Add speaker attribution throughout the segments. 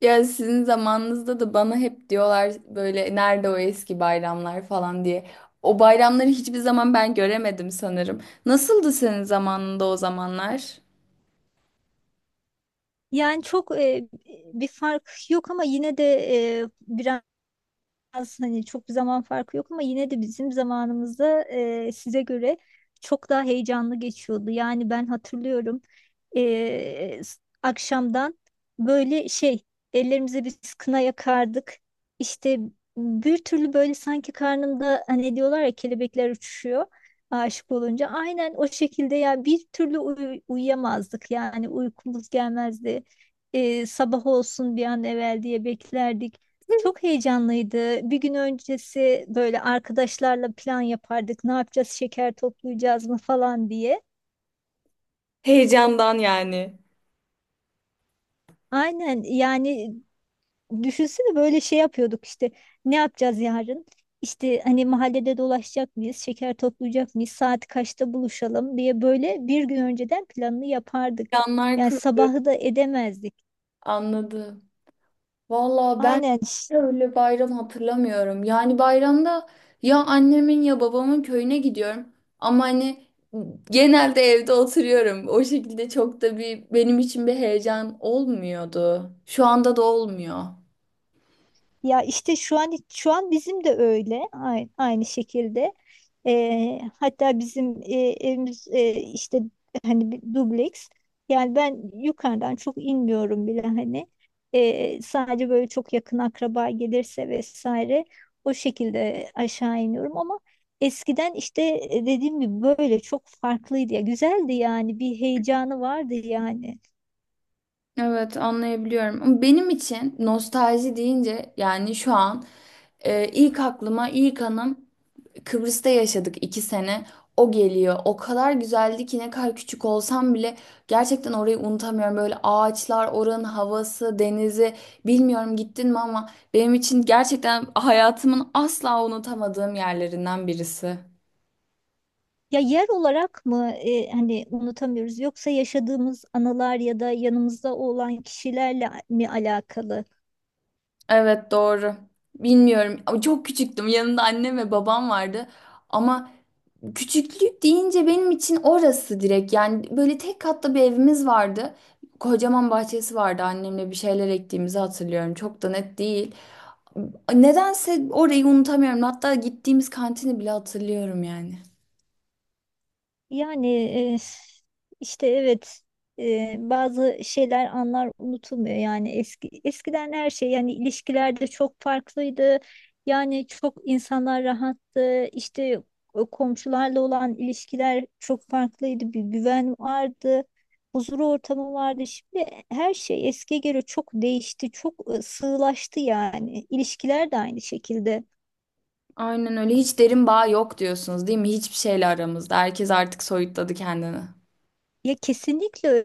Speaker 1: Ya sizin zamanınızda da bana hep diyorlar böyle nerede o eski bayramlar falan diye. O bayramları hiçbir zaman ben göremedim sanırım. Nasıldı senin zamanında o zamanlar?
Speaker 2: Yani çok bir fark yok ama yine de e, az hani çok bir zaman farkı yok ama yine de bizim zamanımızda size göre çok daha heyecanlı geçiyordu. Yani ben hatırlıyorum, akşamdan böyle şey, ellerimize biz kına yakardık. İşte bir türlü böyle sanki karnımda, hani diyorlar ya kelebekler uçuşuyor aşık olunca. Aynen o şekilde, ya bir türlü uyuyamazdık yani, uykumuz gelmezdi. Sabah olsun bir an evvel diye beklerdik. Çok heyecanlıydı. Bir gün öncesi böyle arkadaşlarla plan yapardık. Ne yapacağız? Şeker toplayacağız mı falan diye.
Speaker 1: Heyecandan yani.
Speaker 2: Aynen yani, düşünsene böyle şey yapıyorduk işte. Ne yapacağız yarın? İşte hani, mahallede dolaşacak mıyız? Şeker toplayacak mıyız? Saat kaçta buluşalım diye böyle bir gün önceden planını yapardık.
Speaker 1: Heyecanlar
Speaker 2: Yani sabahı da edemezdik.
Speaker 1: anladı. Valla ben
Speaker 2: Aynen.
Speaker 1: öyle bayram hatırlamıyorum. Yani bayramda ya annemin ya babamın köyüne gidiyorum. Ama hani genelde evde oturuyorum. O şekilde çok da bir benim için bir heyecan olmuyordu. Şu anda da olmuyor.
Speaker 2: Ya işte şu an bizim de öyle, aynı şekilde. Hatta bizim evimiz, işte hani bir dubleks. Yani ben yukarıdan çok inmiyorum bile hani. Sadece böyle çok yakın akraba gelirse vesaire, o şekilde aşağı iniyorum ama eskiden işte, dediğim gibi böyle çok farklıydı ya. Güzeldi yani, bir heyecanı vardı yani.
Speaker 1: Evet, anlayabiliyorum. Ama benim için nostalji deyince yani şu an ilk aklıma ilk anım Kıbrıs'ta yaşadık 2 sene. O geliyor. O kadar güzeldi ki ne kadar küçük olsam bile gerçekten orayı unutamıyorum. Böyle ağaçlar, oranın havası, denizi, bilmiyorum gittin mi ama benim için gerçekten hayatımın asla unutamadığım yerlerinden birisi.
Speaker 2: Ya yer olarak mı hani unutamıyoruz, yoksa yaşadığımız anılar ya da yanımızda olan kişilerle mi alakalı?
Speaker 1: Evet, doğru. Bilmiyorum. Ama çok küçüktüm. Yanımda annem ve babam vardı. Ama küçüklük deyince benim için orası direkt yani böyle tek katlı bir evimiz vardı. Kocaman bahçesi vardı, annemle bir şeyler ektiğimizi hatırlıyorum, çok da net değil. Nedense orayı unutamıyorum, hatta gittiğimiz kantini bile hatırlıyorum yani.
Speaker 2: Yani, e, işte evet, bazı şeyler, anlar unutulmuyor. Yani eskiden her şey, yani ilişkilerde çok farklıydı, yani çok insanlar rahattı işte, o komşularla olan ilişkiler çok farklıydı, bir güven vardı, huzur ortamı vardı. Şimdi her şey eskiye göre çok değişti, çok sığlaştı yani, ilişkiler de aynı şekilde.
Speaker 1: Aynen öyle, hiç derin bağ yok diyorsunuz değil mi? Hiçbir şeyle aramızda, herkes artık soyutladı kendini.
Speaker 2: Ya kesinlikle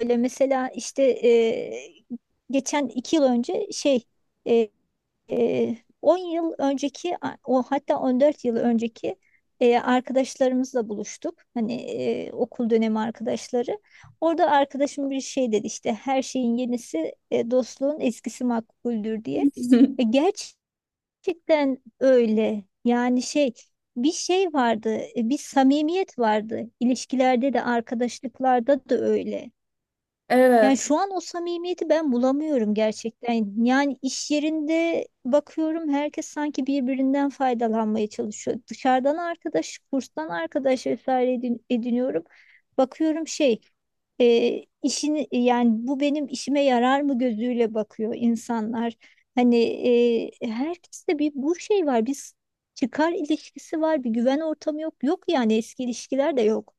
Speaker 2: öyle. Mesela işte, geçen 2 yıl önce, e, e, 10 yıl önceki, o, hatta 14 yıl önceki arkadaşlarımızla buluştuk. Hani, okul dönemi arkadaşları. Orada arkadaşım bir şey dedi işte: her şeyin yenisi, dostluğun eskisi makbuldür diye. Ve gerçekten öyle. Yani şey, bir şey vardı, bir samimiyet vardı. İlişkilerde de arkadaşlıklarda da öyle. Yani
Speaker 1: Evet.
Speaker 2: şu an o samimiyeti ben bulamıyorum gerçekten. Yani iş yerinde bakıyorum, herkes sanki birbirinden faydalanmaya çalışıyor. Dışarıdan arkadaş, kurstan arkadaş vesaire ediniyorum. Bakıyorum şey, işini, yani bu benim işime yarar mı gözüyle bakıyor insanlar. Hani herkeste bir bu şey var, bir çıkar ilişkisi var, bir güven ortamı yok. Yok yani, eski ilişkiler de yok.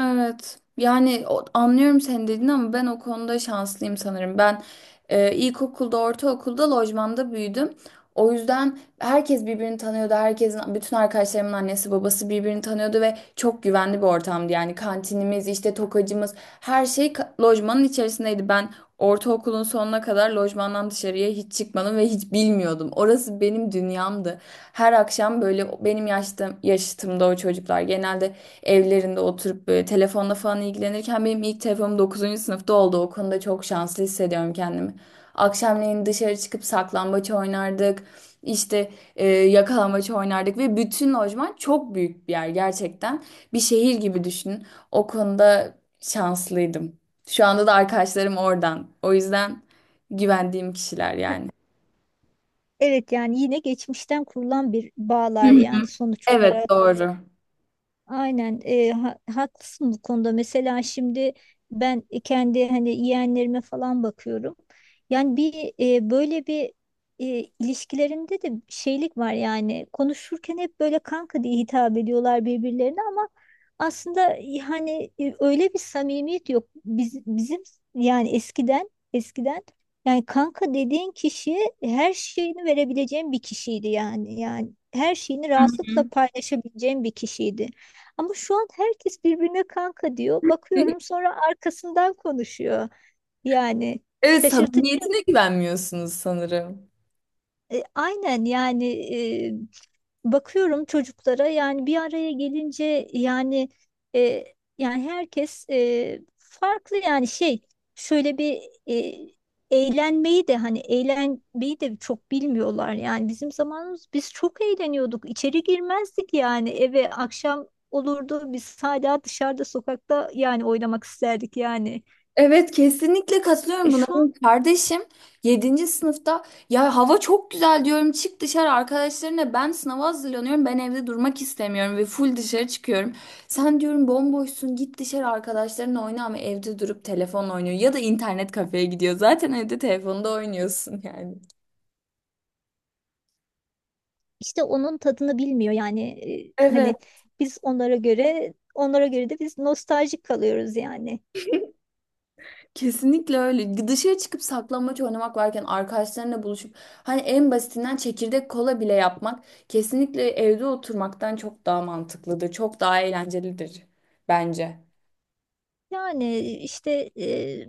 Speaker 1: Evet. Yani anlıyorum senin dediğini ama ben o konuda şanslıyım sanırım. Ben ilkokulda, ortaokulda lojmanda büyüdüm. O yüzden herkes birbirini tanıyordu. Herkesin, bütün arkadaşlarımın annesi babası birbirini tanıyordu ve çok güvenli bir ortamdı. Yani kantinimiz, işte tokacımız, her şey lojmanın içerisindeydi. Ben ortaokulun sonuna kadar lojmandan dışarıya hiç çıkmadım ve hiç bilmiyordum. Orası benim dünyamdı. Her akşam böyle benim yaştım, yaşıtımda o çocuklar genelde evlerinde oturup böyle telefonla falan ilgilenirken benim ilk telefonum dokuzuncu sınıfta oldu. O konuda çok şanslı hissediyorum kendimi. Akşamleyin dışarı çıkıp saklambaç oynardık. İşte yakalambaç oynardık ve bütün lojman çok büyük bir yer gerçekten. Bir şehir gibi düşünün. O konuda şanslıydım. Şu anda da arkadaşlarım oradan. O yüzden güvendiğim kişiler yani.
Speaker 2: Evet yani, yine geçmişten kurulan bir
Speaker 1: Hı
Speaker 2: bağlar
Speaker 1: hı.
Speaker 2: yani, sonuç
Speaker 1: Evet,
Speaker 2: olarak.
Speaker 1: doğru.
Speaker 2: Aynen, haklısın bu konuda. Mesela şimdi ben kendi hani yeğenlerime falan bakıyorum. Yani bir, böyle bir, e, ilişkilerinde de şeylik var yani. Konuşurken hep böyle kanka diye hitap ediyorlar birbirlerine, ama aslında hani, öyle bir samimiyet yok. Bizim yani eskiden yani, kanka dediğin kişiye her şeyini verebileceğim bir kişiydi yani. Yani her şeyini rahatlıkla paylaşabileceğim bir kişiydi. Ama şu an herkes birbirine kanka diyor. Bakıyorum, sonra arkasından konuşuyor. Yani
Speaker 1: Evet,
Speaker 2: şaşırtıcı.
Speaker 1: samimiyetine güvenmiyorsunuz sanırım.
Speaker 2: Aynen yani, e, bakıyorum çocuklara, yani bir araya gelince yani, e, yani herkes farklı yani, şey, şöyle bir, e, eğlenmeyi de hani eğlenmeyi de çok bilmiyorlar. Yani bizim zamanımız, biz çok eğleniyorduk, içeri girmezdik yani. Eve akşam olurdu, biz hala dışarıda sokakta yani oynamak isterdik yani.
Speaker 1: Evet, kesinlikle katılıyorum buna.
Speaker 2: Şu an
Speaker 1: Benim kardeşim yedinci sınıfta, ya hava çok güzel diyorum, çık dışarı arkadaşlarına, ben sınava hazırlanıyorum, ben evde durmak istemiyorum ve full dışarı çıkıyorum. Sen, diyorum, bomboşsun, git dışarı arkadaşlarınla oyna, ama evde durup telefonla oynuyor ya da internet kafeye gidiyor, zaten evde telefonda oynuyorsun yani.
Speaker 2: işte onun tadını bilmiyor yani,
Speaker 1: Evet.
Speaker 2: hani biz onlara göre de biz nostaljik kalıyoruz yani.
Speaker 1: Kesinlikle öyle. Dışarı çıkıp saklambaç oynamak varken, arkadaşlarınla buluşup hani en basitinden çekirdek kola bile yapmak kesinlikle evde oturmaktan çok daha mantıklıdır. Çok daha eğlencelidir bence.
Speaker 2: Yani işte,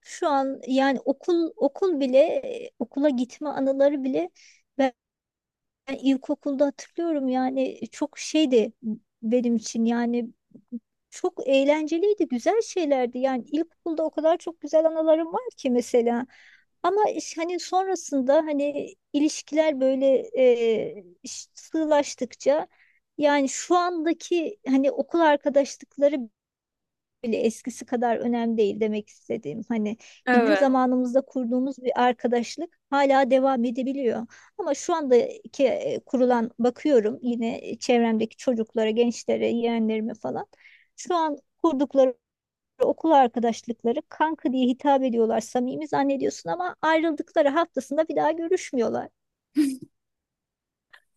Speaker 2: şu an yani okul bile, okula gitme anıları bile, ben ilkokulda hatırlıyorum, yani çok şeydi benim için yani, çok eğlenceliydi, güzel şeylerdi yani. İlkokulda o kadar çok güzel anılarım var ki mesela, ama hani sonrasında, hani ilişkiler böyle sığlaştıkça yani, şu andaki hani okul arkadaşlıkları bile eskisi kadar önemli değil demek istediğim. Hani bizim
Speaker 1: Evet.
Speaker 2: zamanımızda kurduğumuz bir arkadaşlık hala devam edebiliyor. Ama şu andaki, kurulan, bakıyorum yine çevremdeki çocuklara, gençlere, yeğenlerime falan. Şu an kurdukları okul arkadaşlıkları, kanka diye hitap ediyorlar, samimi zannediyorsun ama ayrıldıkları haftasında bir daha görüşmüyorlar.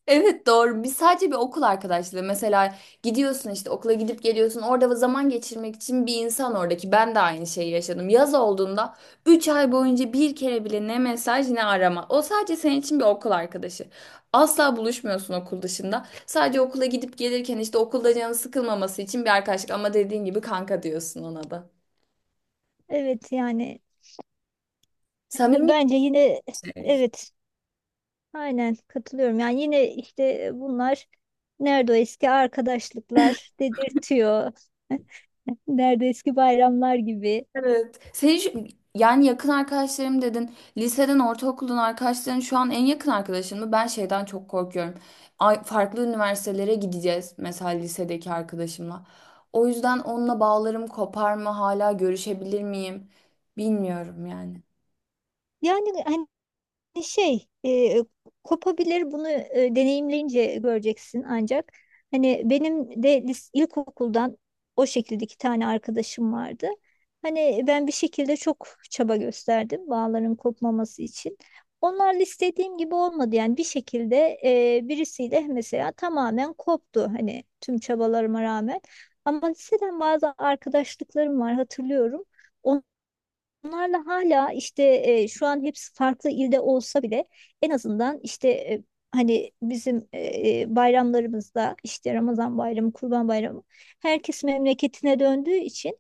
Speaker 1: Evet, doğru. Biz sadece bir okul arkadaşlığı. Mesela gidiyorsun işte, okula gidip geliyorsun. Orada zaman geçirmek için bir insan oradaki. Ben de aynı şeyi yaşadım. Yaz olduğunda 3 ay boyunca bir kere bile ne mesaj ne arama. O sadece senin için bir okul arkadaşı. Asla buluşmuyorsun okul dışında. Sadece okula gidip gelirken işte okulda canı sıkılmaması için bir arkadaşlık. Ama dediğin gibi kanka diyorsun ona da.
Speaker 2: Evet yani,
Speaker 1: Samimi
Speaker 2: bence yine
Speaker 1: bir şey.
Speaker 2: evet. Aynen katılıyorum. Yani yine işte, bunlar nerede o eski arkadaşlıklar dedirtiyor. Nerede eski bayramlar gibi.
Speaker 1: Evet. Senin yani yakın arkadaşlarım dedin. Liseden, ortaokuldan arkadaşların şu an en yakın arkadaşın mı? Ben şeyden çok korkuyorum. Ay, farklı üniversitelere gideceğiz mesela lisedeki arkadaşımla. O yüzden onunla bağlarım kopar mı? Hala görüşebilir miyim? Bilmiyorum yani.
Speaker 2: Yani hani, şey, kopabilir, bunu deneyimleyince göreceksin ancak. Hani benim de ilkokuldan o şekilde 2 tane arkadaşım vardı. Hani ben bir şekilde çok çaba gösterdim bağların kopmaması için. Onlarla istediğim gibi olmadı yani. Bir şekilde, birisiyle mesela tamamen koptu, hani tüm çabalarıma rağmen. Ama liseden bazı arkadaşlıklarım var hatırlıyorum. Bunlarla hala işte, şu an hepsi farklı ilde olsa bile, en azından işte, hani bizim bayramlarımızda, işte Ramazan bayramı, Kurban bayramı, herkes memleketine döndüğü için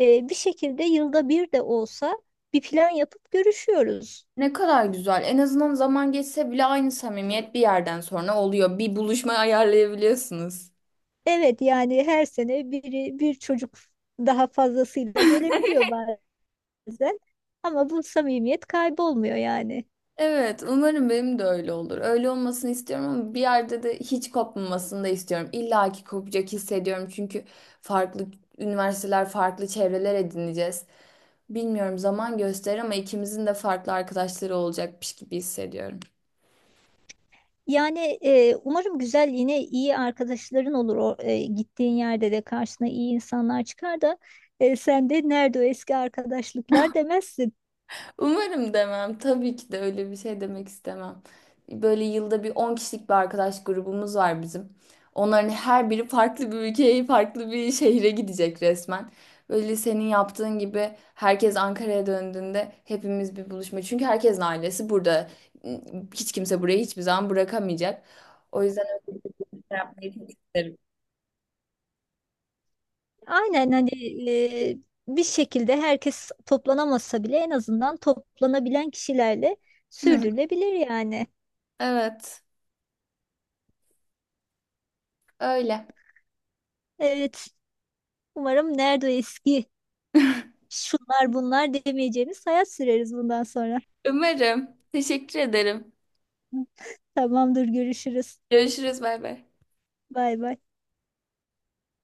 Speaker 2: bir şekilde yılda bir de olsa bir plan yapıp görüşüyoruz.
Speaker 1: Ne kadar güzel. En azından zaman geçse bile aynı samimiyet bir yerden sonra oluyor. Bir buluşma ayarlayabiliyorsunuz.
Speaker 2: Evet yani, her sene biri bir çocuk daha fazlasıyla gelebiliyor bazen, ama bu samimiyet kaybolmuyor yani.
Speaker 1: Evet, umarım benim de öyle olur. Öyle olmasını istiyorum ama bir yerde de hiç kopmamasını da istiyorum. İlla ki kopacak hissediyorum, çünkü farklı üniversiteler, farklı çevreler edineceğiz. Bilmiyorum, zaman gösterir, ama ikimizin de farklı arkadaşları olacakmış gibi hissediyorum.
Speaker 2: Yani, umarım güzel, yine iyi arkadaşların olur. O, gittiğin yerde de karşına iyi insanlar çıkar da, sen de nerede o eski arkadaşlıklar demezsin.
Speaker 1: Umarım demem. Tabii ki de öyle bir şey demek istemem. Böyle yılda bir 10 kişilik bir arkadaş grubumuz var bizim. Onların her biri farklı bir ülkeye, farklı bir şehre gidecek resmen. Böyle senin yaptığın gibi herkes Ankara'ya döndüğünde hepimiz bir buluşma. Çünkü herkesin ailesi burada. Hiç kimse burayı hiçbir zaman bırakamayacak. O yüzden öyle bir şey yapmayı çok isterim.
Speaker 2: Aynen hani, e, bir şekilde herkes toplanamasa bile, en azından toplanabilen kişilerle sürdürülebilir yani.
Speaker 1: Evet, öyle.
Speaker 2: Evet, umarım nerede o eski şunlar bunlar demeyeceğimiz hayat süreriz bundan sonra.
Speaker 1: Umarım. Teşekkür ederim.
Speaker 2: Tamamdır, görüşürüz.
Speaker 1: Görüşürüz, bay bay.
Speaker 2: Bay bay.